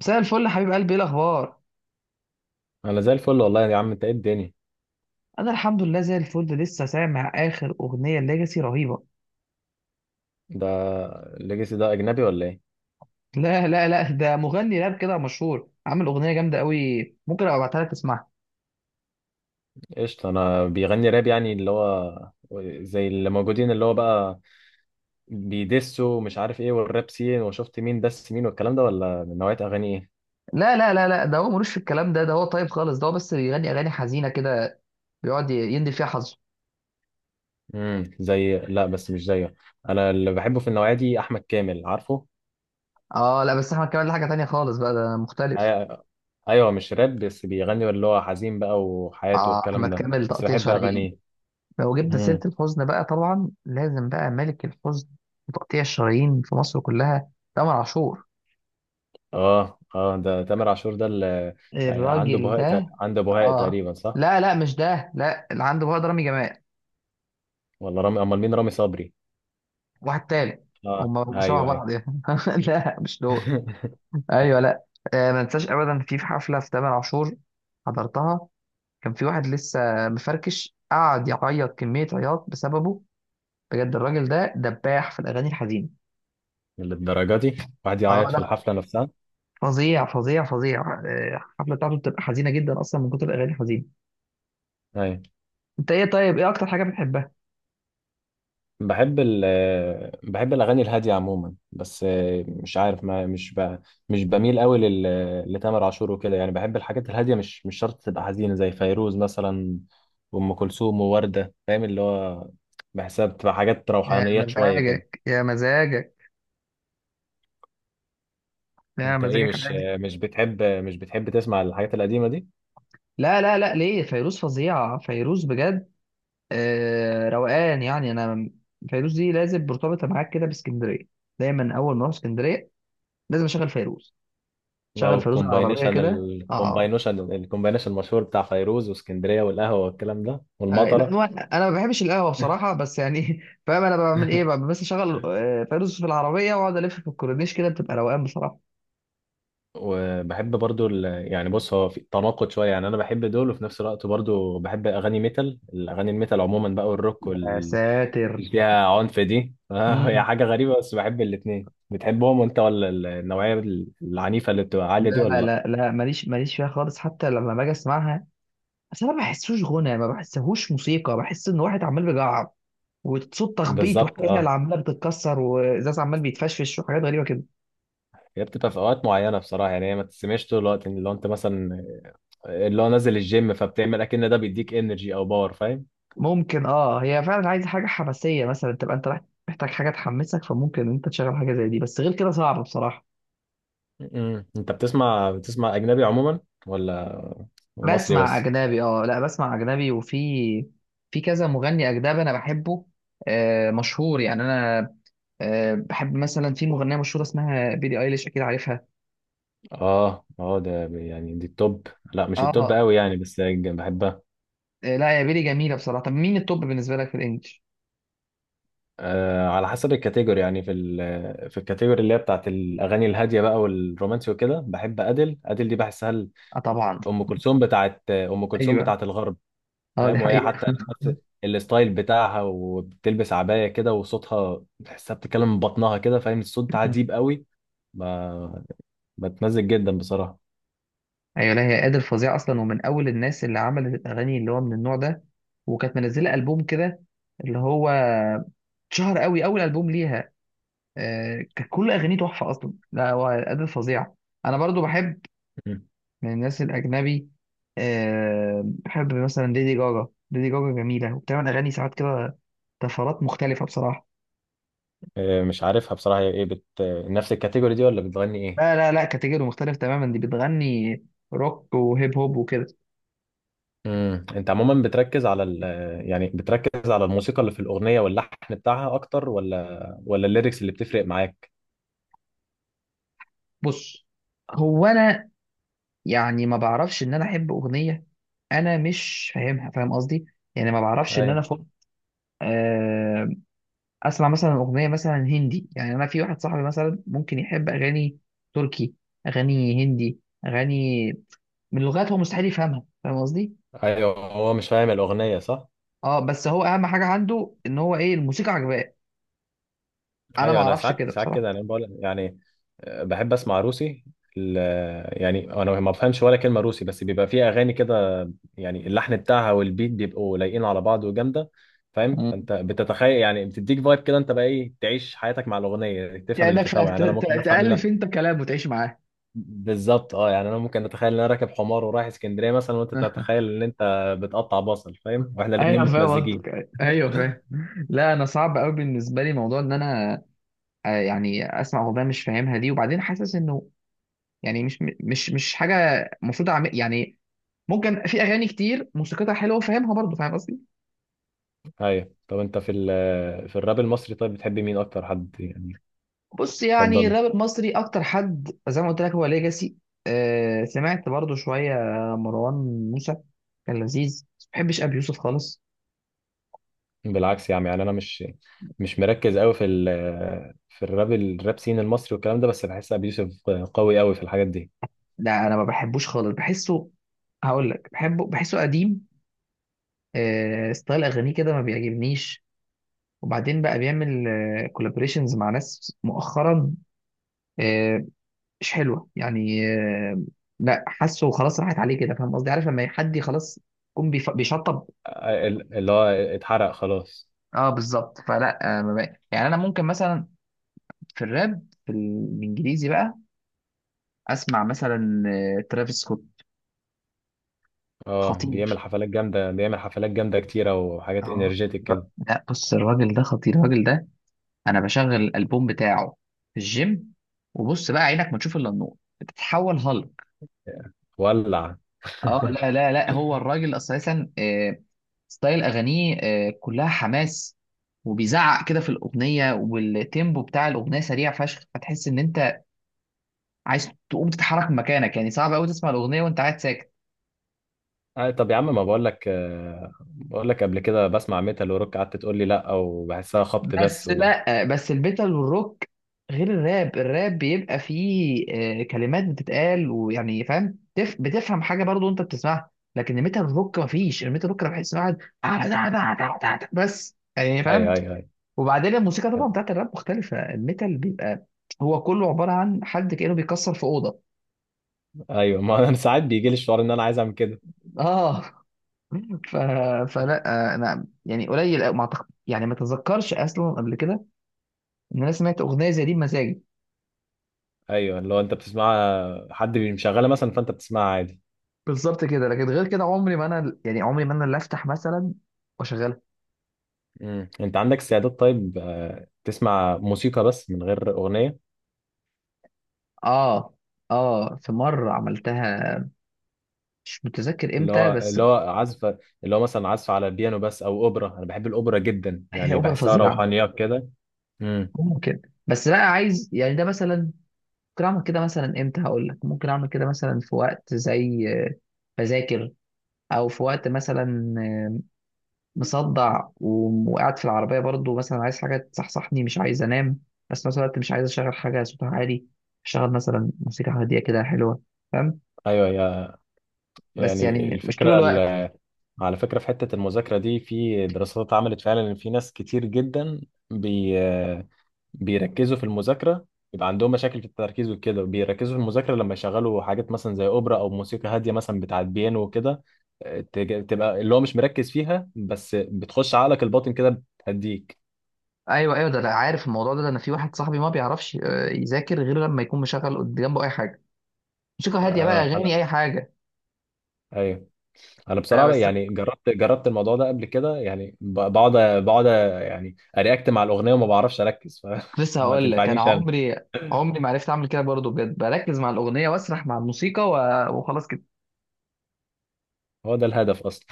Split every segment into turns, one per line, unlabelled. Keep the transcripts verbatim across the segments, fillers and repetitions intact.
مساء الفل يا حبيب قلبي، ايه الاخبار؟
انا زي الفل والله يا عم، انت ايه الدنيا؟
انا الحمد لله زي الفل، لسه سامع اخر اغنيه ليجاسي رهيبه.
ده الليجاسي ده اجنبي ولا ايه؟
لا لا لا، ده مغني راب كده مشهور، عامل اغنيه جامده قوي. ممكن ابقى ابعتها لك تسمعها.
قشطه. انا بيغني راب، يعني اللي هو زي اللي موجودين اللي هو بقى بيدسوا ومش عارف ايه، والراب سين وشفت مين دس مين والكلام ده، ولا من نوعيه اغاني ايه؟
لا لا لا لا، ده هو ملوش في الكلام ده ده هو طيب خالص، ده هو بس بيغني اغاني حزينه كده. بيقعد يندي فيها حظه.
امم زي، لا بس مش زيه. انا اللي بحبه في النوعيه دي احمد كامل، عارفه؟
اه، لا، بس احمد كامل ده حاجه تانية خالص بقى، ده مختلف.
أي- ايوه مش راب، بس بيغني اللي هو حزين بقى وحياته
اه، احمد
والكلام ده،
كامل
بس
تقطيع
بحب
شرايين.
اغانيه.
لو جبنا سيره
مم.
الحزن بقى، طبعا لازم بقى ملك الحزن. وتقطيع الشرايين في مصر كلها تامر عاشور.
اه اه، ده تامر عاشور ده اللي آه، عنده
الراجل
بهاء تق-
ده.
عنده بهاء
اه،
تقريبا صح؟
لا لا، مش ده، لا اللي عنده بقى رامي جمال.
ولا رامي، امال مين؟ رامي صبري؟
واحد تاني.
اه
هم شبه
ايوه ايوه.
بعض يعني. لا، مش دول. ايوه، لا. آه ما انساش ابدا، في في حفله في تامر عاشور. حضرتها. كان في واحد لسه مفركش، قعد يعيط كميه عياط بسببه. بجد الراجل ده دباح في الاغاني الحزينه.
للدرجه دي؟ واحد
اه،
يعيط في
لا.
الحفله نفسها؟
فظيع فظيع فظيع. آه، الحفله بتاعته بتبقى حزينه جدا اصلا من كتر الاغاني الحزينه.
ايوه.
انت ايه؟ طيب ايه اكتر حاجه بتحبها؟
بحب ال آه، بحب الاغاني الهاديه عموما، بس آه، مش عارف، ما مش ب... مش بميل قوي لل... لتامر عاشور وكده يعني. بحب الحاجات الهاديه، مش مش شرط تبقى حزينه، زي فيروز مثلا وام كلثوم وورده، فاهم؟ اللي هو بحسها بتبقى حاجات
يا
روحانيات شويه كده.
مزاجك، يا مزاجك، يا
انت ايه؟
مزاجك.
مش مش بتحب مش بتحب تسمع الحاجات القديمه دي؟
لا لا لا، ليه، فيروز فظيعة، فيروز بجد. آه روقان يعني، أنا فيروز دي لازم مرتبطة معاك كده باسكندرية. دايما أول ما أروح اسكندرية، لازم أشغل فيروز،
او
أشغل فيروز العربية
الكومباينيشن،
كده آه
الكومباينيشن الكومباينيشن المشهور بتاع فيروز واسكندريه والقهوه والكلام ده
آه، لا،
والمطره.
هو انا ما بحبش القهوه بصراحه، بس يعني فاهم انا بعمل ايه بقى؟ بس اشغل آه، فيروز في العربيه، واقعد الف في الكورنيش كده، بتبقى روقان بصراحه.
وبحب برضو ال... يعني بص، هو في تناقض شويه يعني. انا بحب دول، وفي نفس الوقت برضو بحب اغاني ميتال، الاغاني الميتال عموما بقى، والروك
يا
وال...
ساتر.
اللي فيها عنف دي. هي
مم.
حاجه غريبه بس بحب الاتنين. بتحبهم وانت ولا ال- النوعيه العنيفه اللي بتبقى عاليه دي ولا
لا
لا؟
لا لا، ماليش ماليش فيها خالص، حتى لما باجي اسمعها بس انا ما بحسوش غنى، ما بحسهوش موسيقى، بحس ان واحد عمال بيجعر، وصوت تخبيط،
بالظبط
وحلل
اه.
عماله بتتكسر، وازاز عمال بيتفشفش، وحاجات غريبه كده.
هي بتبقى في اوقات معينه بصراحه، يعني هي ما تسمعش طول الوقت. اللي هو انت مثلا اللي هو نازل الجيم، فبتعمل اكن ده بيديك انرجي او باور، فاهم؟
ممكن، اه هي فعلا عايزه حاجه حماسيه مثلا، تبقى انت رايح محتاج حاجه تحمسك، فممكن انت تشغل حاجه زي دي، بس غير كده صعب بصراحه.
م-م. انت بتسمع، بتسمع اجنبي عموما ولا مصري
بسمع
بس؟
اجنبي، اه. لا، بسمع اجنبي، وفي في كذا مغني اجنبي انا بحبه. آه مشهور يعني، انا آه بحب مثلا في مغنيه مشهوره اسمها بيلي ايليش، اكيد عارفها.
اه اه، ده ب- يعني دي التوب. لا مش التوب
اه.
قوي يعني، بس ج- بحبها.
آه، لا، يا بيلي جميله بصراحه. طب مين التوب بالنسبه لك في الانجليش؟
آه، على حسب الكاتيجوري يعني. في ال في الكاتيجوري اللي هي بتاعت الاغاني الهاديه بقى والرومانسي وكده، بحب ادل. ادل دي بحسها ال-
اه، طبعا.
ام كلثوم، بتاعت ام كلثوم
ايوه.
بتاعت الغرب.
اه، دي
فاهم؟ وهي حتى
حقيقه.
نفس الستايل بتاعها، وبتلبس عباية كده، وصوتها تحسها بتتكلم من بطنها كده، فاهم؟ الصوت عجيب قوي. ب- بتمزج جدا بصراحة.
ايوه. لا هي قادر فظيع اصلا، ومن اول الناس اللي عملت الاغاني اللي هو من النوع ده، وكانت منزله البوم كده، اللي هو اتشهر قوي اول البوم ليها. آه، كانت كل اغانيه تحفه اصلا، لا هو قادر فظيع. انا برضو بحب
مم.
من الناس الاجنبي. آه، بحب مثلا ليدي جاجا. ليدي جاجا جميله وبتعمل اغاني ساعات كده، طفرات مختلفه بصراحه.
آه، مش عارفها بصراحة، هي ايه بت... نفس الكاتيجوري دي ولا بتغني ايه؟
لا لا لا، كاتيجوري مختلف تماما، دي بتغني روك وهيب هوب وكده.
امم انت عموما بتركز على ال... يعني بتركز على الموسيقى اللي في الأغنية واللحن بتاعها اكتر، ولا ولا الليركس اللي بتفرق معاك؟
بص، هو انا يعني ما بعرفش ان انا احب اغنيه انا مش فاهمها، فاهم قصدي؟ يعني ما بعرفش ان انا
ايوه
فوق. آه، اسمع مثلا اغنيه مثلا هندي، يعني انا في واحد صاحبي مثلا ممكن يحب اغاني تركي، اغاني هندي، اغاني من لغات هو مستحيل يفهمها، فاهم قصدي؟
ايوه، هو مش فاهم الأغنية صح؟
اه، بس هو اهم حاجه عنده ان هو ايه، الموسيقى عجباه. انا ما
ايوه. انا
اعرفش
ساعات
كده
ساعات
بصراحه.
كده يعني بقول يعني، آه، بحب اسمع روسي. ال- يعني انا ما بفهمش ولا كلمه روسي، بس بيبقى فيه اغاني كده يعني اللحن بتاعها والبيت بيبقوا لايقين على بعض وجامده، فاهم؟ فانت بتتخيل يعني، بتديك فايب كده انت بقى ايه، تعيش حياتك مع الاغنيه. تفهم اللي
كأنك فا-
تفهمه
ت-
يعني، انا ممكن
ت-
افهم
تألف
منها.
انت كلام، وتعيش معاه.
بالظبط اه. يعني انا ممكن اتخيل ان انا راكب حمار ورايح اسكندريه مثلا، وانت تتخيل ان انت بتقطع بصل، فاهم؟ واحنا الاثنين
ايوه، فاهم
متمزجين.
قصدك، ايوه فاهم. لا، انا صعب قوي بالنسبه لي موضوع ان انا آه، يعني اسمع اغنيه مش فاهمها دي، وبعدين حاسس انه يعني مش مش مش حاجه المفروض اعمل يعني. ممكن في اغاني كتير موسيقتها حلوه وفاهمها برضه، فاهم قصدي؟
ايوه. طب انت في ال- في الراب المصري طيب بتحب مين اكتر حد يعني
بص، يعني
تفضله؟
الراب المصري اكتر حد زي ما قلت لك هو ليجاسي. أه سمعت برضه شويه مروان موسى، كان لذيذ. ما بحبش ابي يوسف خالص.
بالعكس يا عم. يعني انا مش مش مركز قوي في ال في الراب، الراب سين المصري والكلام ده، بس بحس ابي يوسف قوي قوي في الحاجات دي.
لا انا ما بحبوش خالص، بحسه، هقول لك، بحبه، بحسه قديم. آه ستايل اغانيه كده ما بيعجبنيش، وبعدين بقى بيعمل آه كولابريشنز مع ناس مؤخرا. آه مش حلوه يعني. آه لا، حاسه خلاص راحت عليه كده، فاهم قصدي؟ عارف لما حد خلاص يكون بيف- بيشطب.
ال- اللي هو اتحرق خلاص.
اه، بالظبط، فلا آه ما بقى. يعني انا ممكن مثلا في الراب، في الانجليزي بقى، اسمع مثلا آه ترافيس سكوت.
اه
خطير.
بيعمل حفلات جامده، بيعمل حفلات جامده كتيره وحاجات
اه.
انرجيتك كده.
لا بص الراجل ده خطير، الراجل ده انا بشغل الالبوم بتاعه في الجيم، وبص بقى عينك ما تشوف الا النور، بتتحول هالك.
ولع.
اه، لا لا لا، هو الراجل اساسا، آه، ستايل اغانيه آه، كلها حماس، وبيزعق كده في الاغنيه، والتيمبو بتاع الاغنيه سريع فشخ، فتحس ان انت عايز تقوم تتحرك من مكانك، يعني صعب قوي تسمع الاغنيه وانت قاعد ساكت.
آه طب يا عم، ما بقول لك، آه بقول لك قبل كده بسمع ميتال وروك، قعدت تقول لي لا وبحسها خبط بس
بس
و...
لا، بس الميتال والروك غير الراب. الراب بيبقى فيه آه، كلمات بتتقال، ويعني فاهم، تف... بتفهم حاجه برضو انت بتسمعها. لكن الميتال روك مفيش. الميتال روك انا بحس إن واحد بس، يعني فاهم.
ايوه ايوه.
وبعدين الموسيقى طبعا
ايوه
بتاعت الراب مختلفه، الميتال بيبقى هو كله عباره عن حد كانه بيكسر في اوضه.
ايوه، ما انا ساعات بيجي لي الشعور ان انا عايز اعمل كده.
اه، ف... فلا آه، انا يعني قليل أوي، ما أعتقد- يعني ما تذكرش اصلا قبل كده ان انا سمعت اغنيه زي دي بمزاجي.
ايوه، اللي هو انت بتسمع حد مشغله مثلا، فانت بتسمعها عادي.
بالظبط كده، لكن غير كده عمري ما انا، يعني عمري ما انا اللي افتح مثلا واشغلها.
مم. انت عندك استعداد طيب، آه، تسمع موسيقى بس من غير اغنيه؟
اه. اه، في مرة عملتها، مش متذكر
اللي
امتى
هو،
بس.
اللي هو عزف، اللي هو مثلا عزف على بيانو بس او اوبرا. انا بحب الاوبرا جدا
هي
يعني،
اوبرا
بحسها
فظيعة.
روحانيات كده. امم
ممكن، بس بقى عايز يعني، ده مثلا ممكن اعمل كده مثلا امتى، هقول لك. ممكن اعمل كده مثلا في وقت زي آه، بذاكر، او في وقت مثلا آه، مصدع و- وقاعد في العربية برضو، مثلا عايز حاجة تصحصحني، مش عايز انام، بس في نفس الوقت مش عايز اشغل حاجة صوتها عالي، اشغل مثلا موسيقى هادية كده حلوة، فاهم؟
ايوه يا،
بس
يعني
يعني مش طول
الفكره
الوقت.
ال- على فكره في حته المذاكره دي، في دراسات اتعملت فعلا ان في ناس كتير جدا بيركزوا في المذاكرة، يبقى عندهم مشاكل في التركيز وكده، بيركزوا في المذاكرة لما يشغلوا حاجات مثلا زي أوبرا أو موسيقى هادية مثلا بتاعت بيانو وكده. آه، تج- تبقى اللي هو مش مركز فيها، بس بتخش عقلك الباطن كده، بتهديك.
ايوه ايوه، ده انا عارف الموضوع ده، ده انا في واحد صاحبي ما بيعرفش آه، يذاكر غير لما يكون مشغل قد- جنبه اي حاجه، موسيقى هاديه بقى،
انا انا
اغاني، اي حاجه.
ايوه. انا
انا
بصراحه
بس
يعني جربت، جربت الموضوع ده قبل كده يعني، ب- بقعد، بقعد يعني ارياكت مع الاغنيه وما بعرفش اركز،
كنت لسه
فما
هقول لك، انا
تنفعنيش انا.
عمري، عمري ما عرفت اعمل كده برضه بجد، بركز مع الاغنيه واسرح مع الموسيقى و... وخلاص كده.
هو ده الهدف اصلا.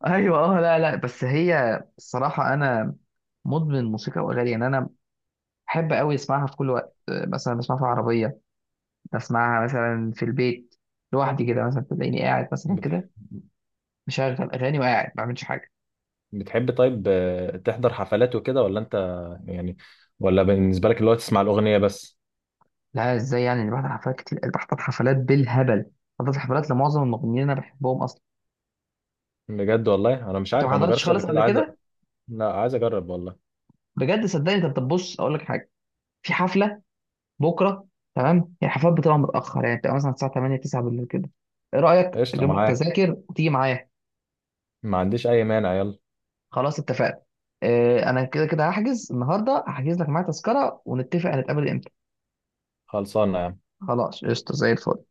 ايوه. اه، لا لا، بس هي الصراحه انا مدمن موسيقى واغاني، يعني انا بحب قوي اسمعها في كل وقت، آه، مثلا بسمعها في العربيه، بسمعها مثلا في البيت لوحدي كده، مثلا تلاقيني قاعد مثلا كده مشغل اغاني وقاعد ما بعملش حاجه.
بتحب طيب، آه، تحضر حفلات وكده ولا انت يعني، ولا بالنسبه لك اللي هو تسمع الاغنيه بس؟
لا، ازاي؟ يعني انا بحضر حفلات كتير، بحضر حفلات بالهبل. حضرت حفلات لمعظم المغنيين اللي انا بحبهم اصلا.
بجد والله انا مش
انت
عارف،
ما
انا ما
حضرتش
جربتش قبل
خالص قبل
كده، عايز أ-
كده؟
لا عايز اجرب والله.
بجد صدقني، انت بتبص اقول لك حاجه. في حفله بكره، تمام؟ هي الحفلات بتبقى متاخر يعني، بتبقى مثلا الساعه تمانية تسعة بالليل كده. ايه رايك
قشطه،
اجيب لك
معاك.
تذاكر وتيجي معايا؟
ما عنديش اي مانع، يلا.
خلاص اتفقنا. اه، انا كده كده هحجز النهارده، هحجز لك معايا تذكره، ونتفق هنتقابل امتى.
خلصانه يا عم.
خلاص، قشطه زي الفل.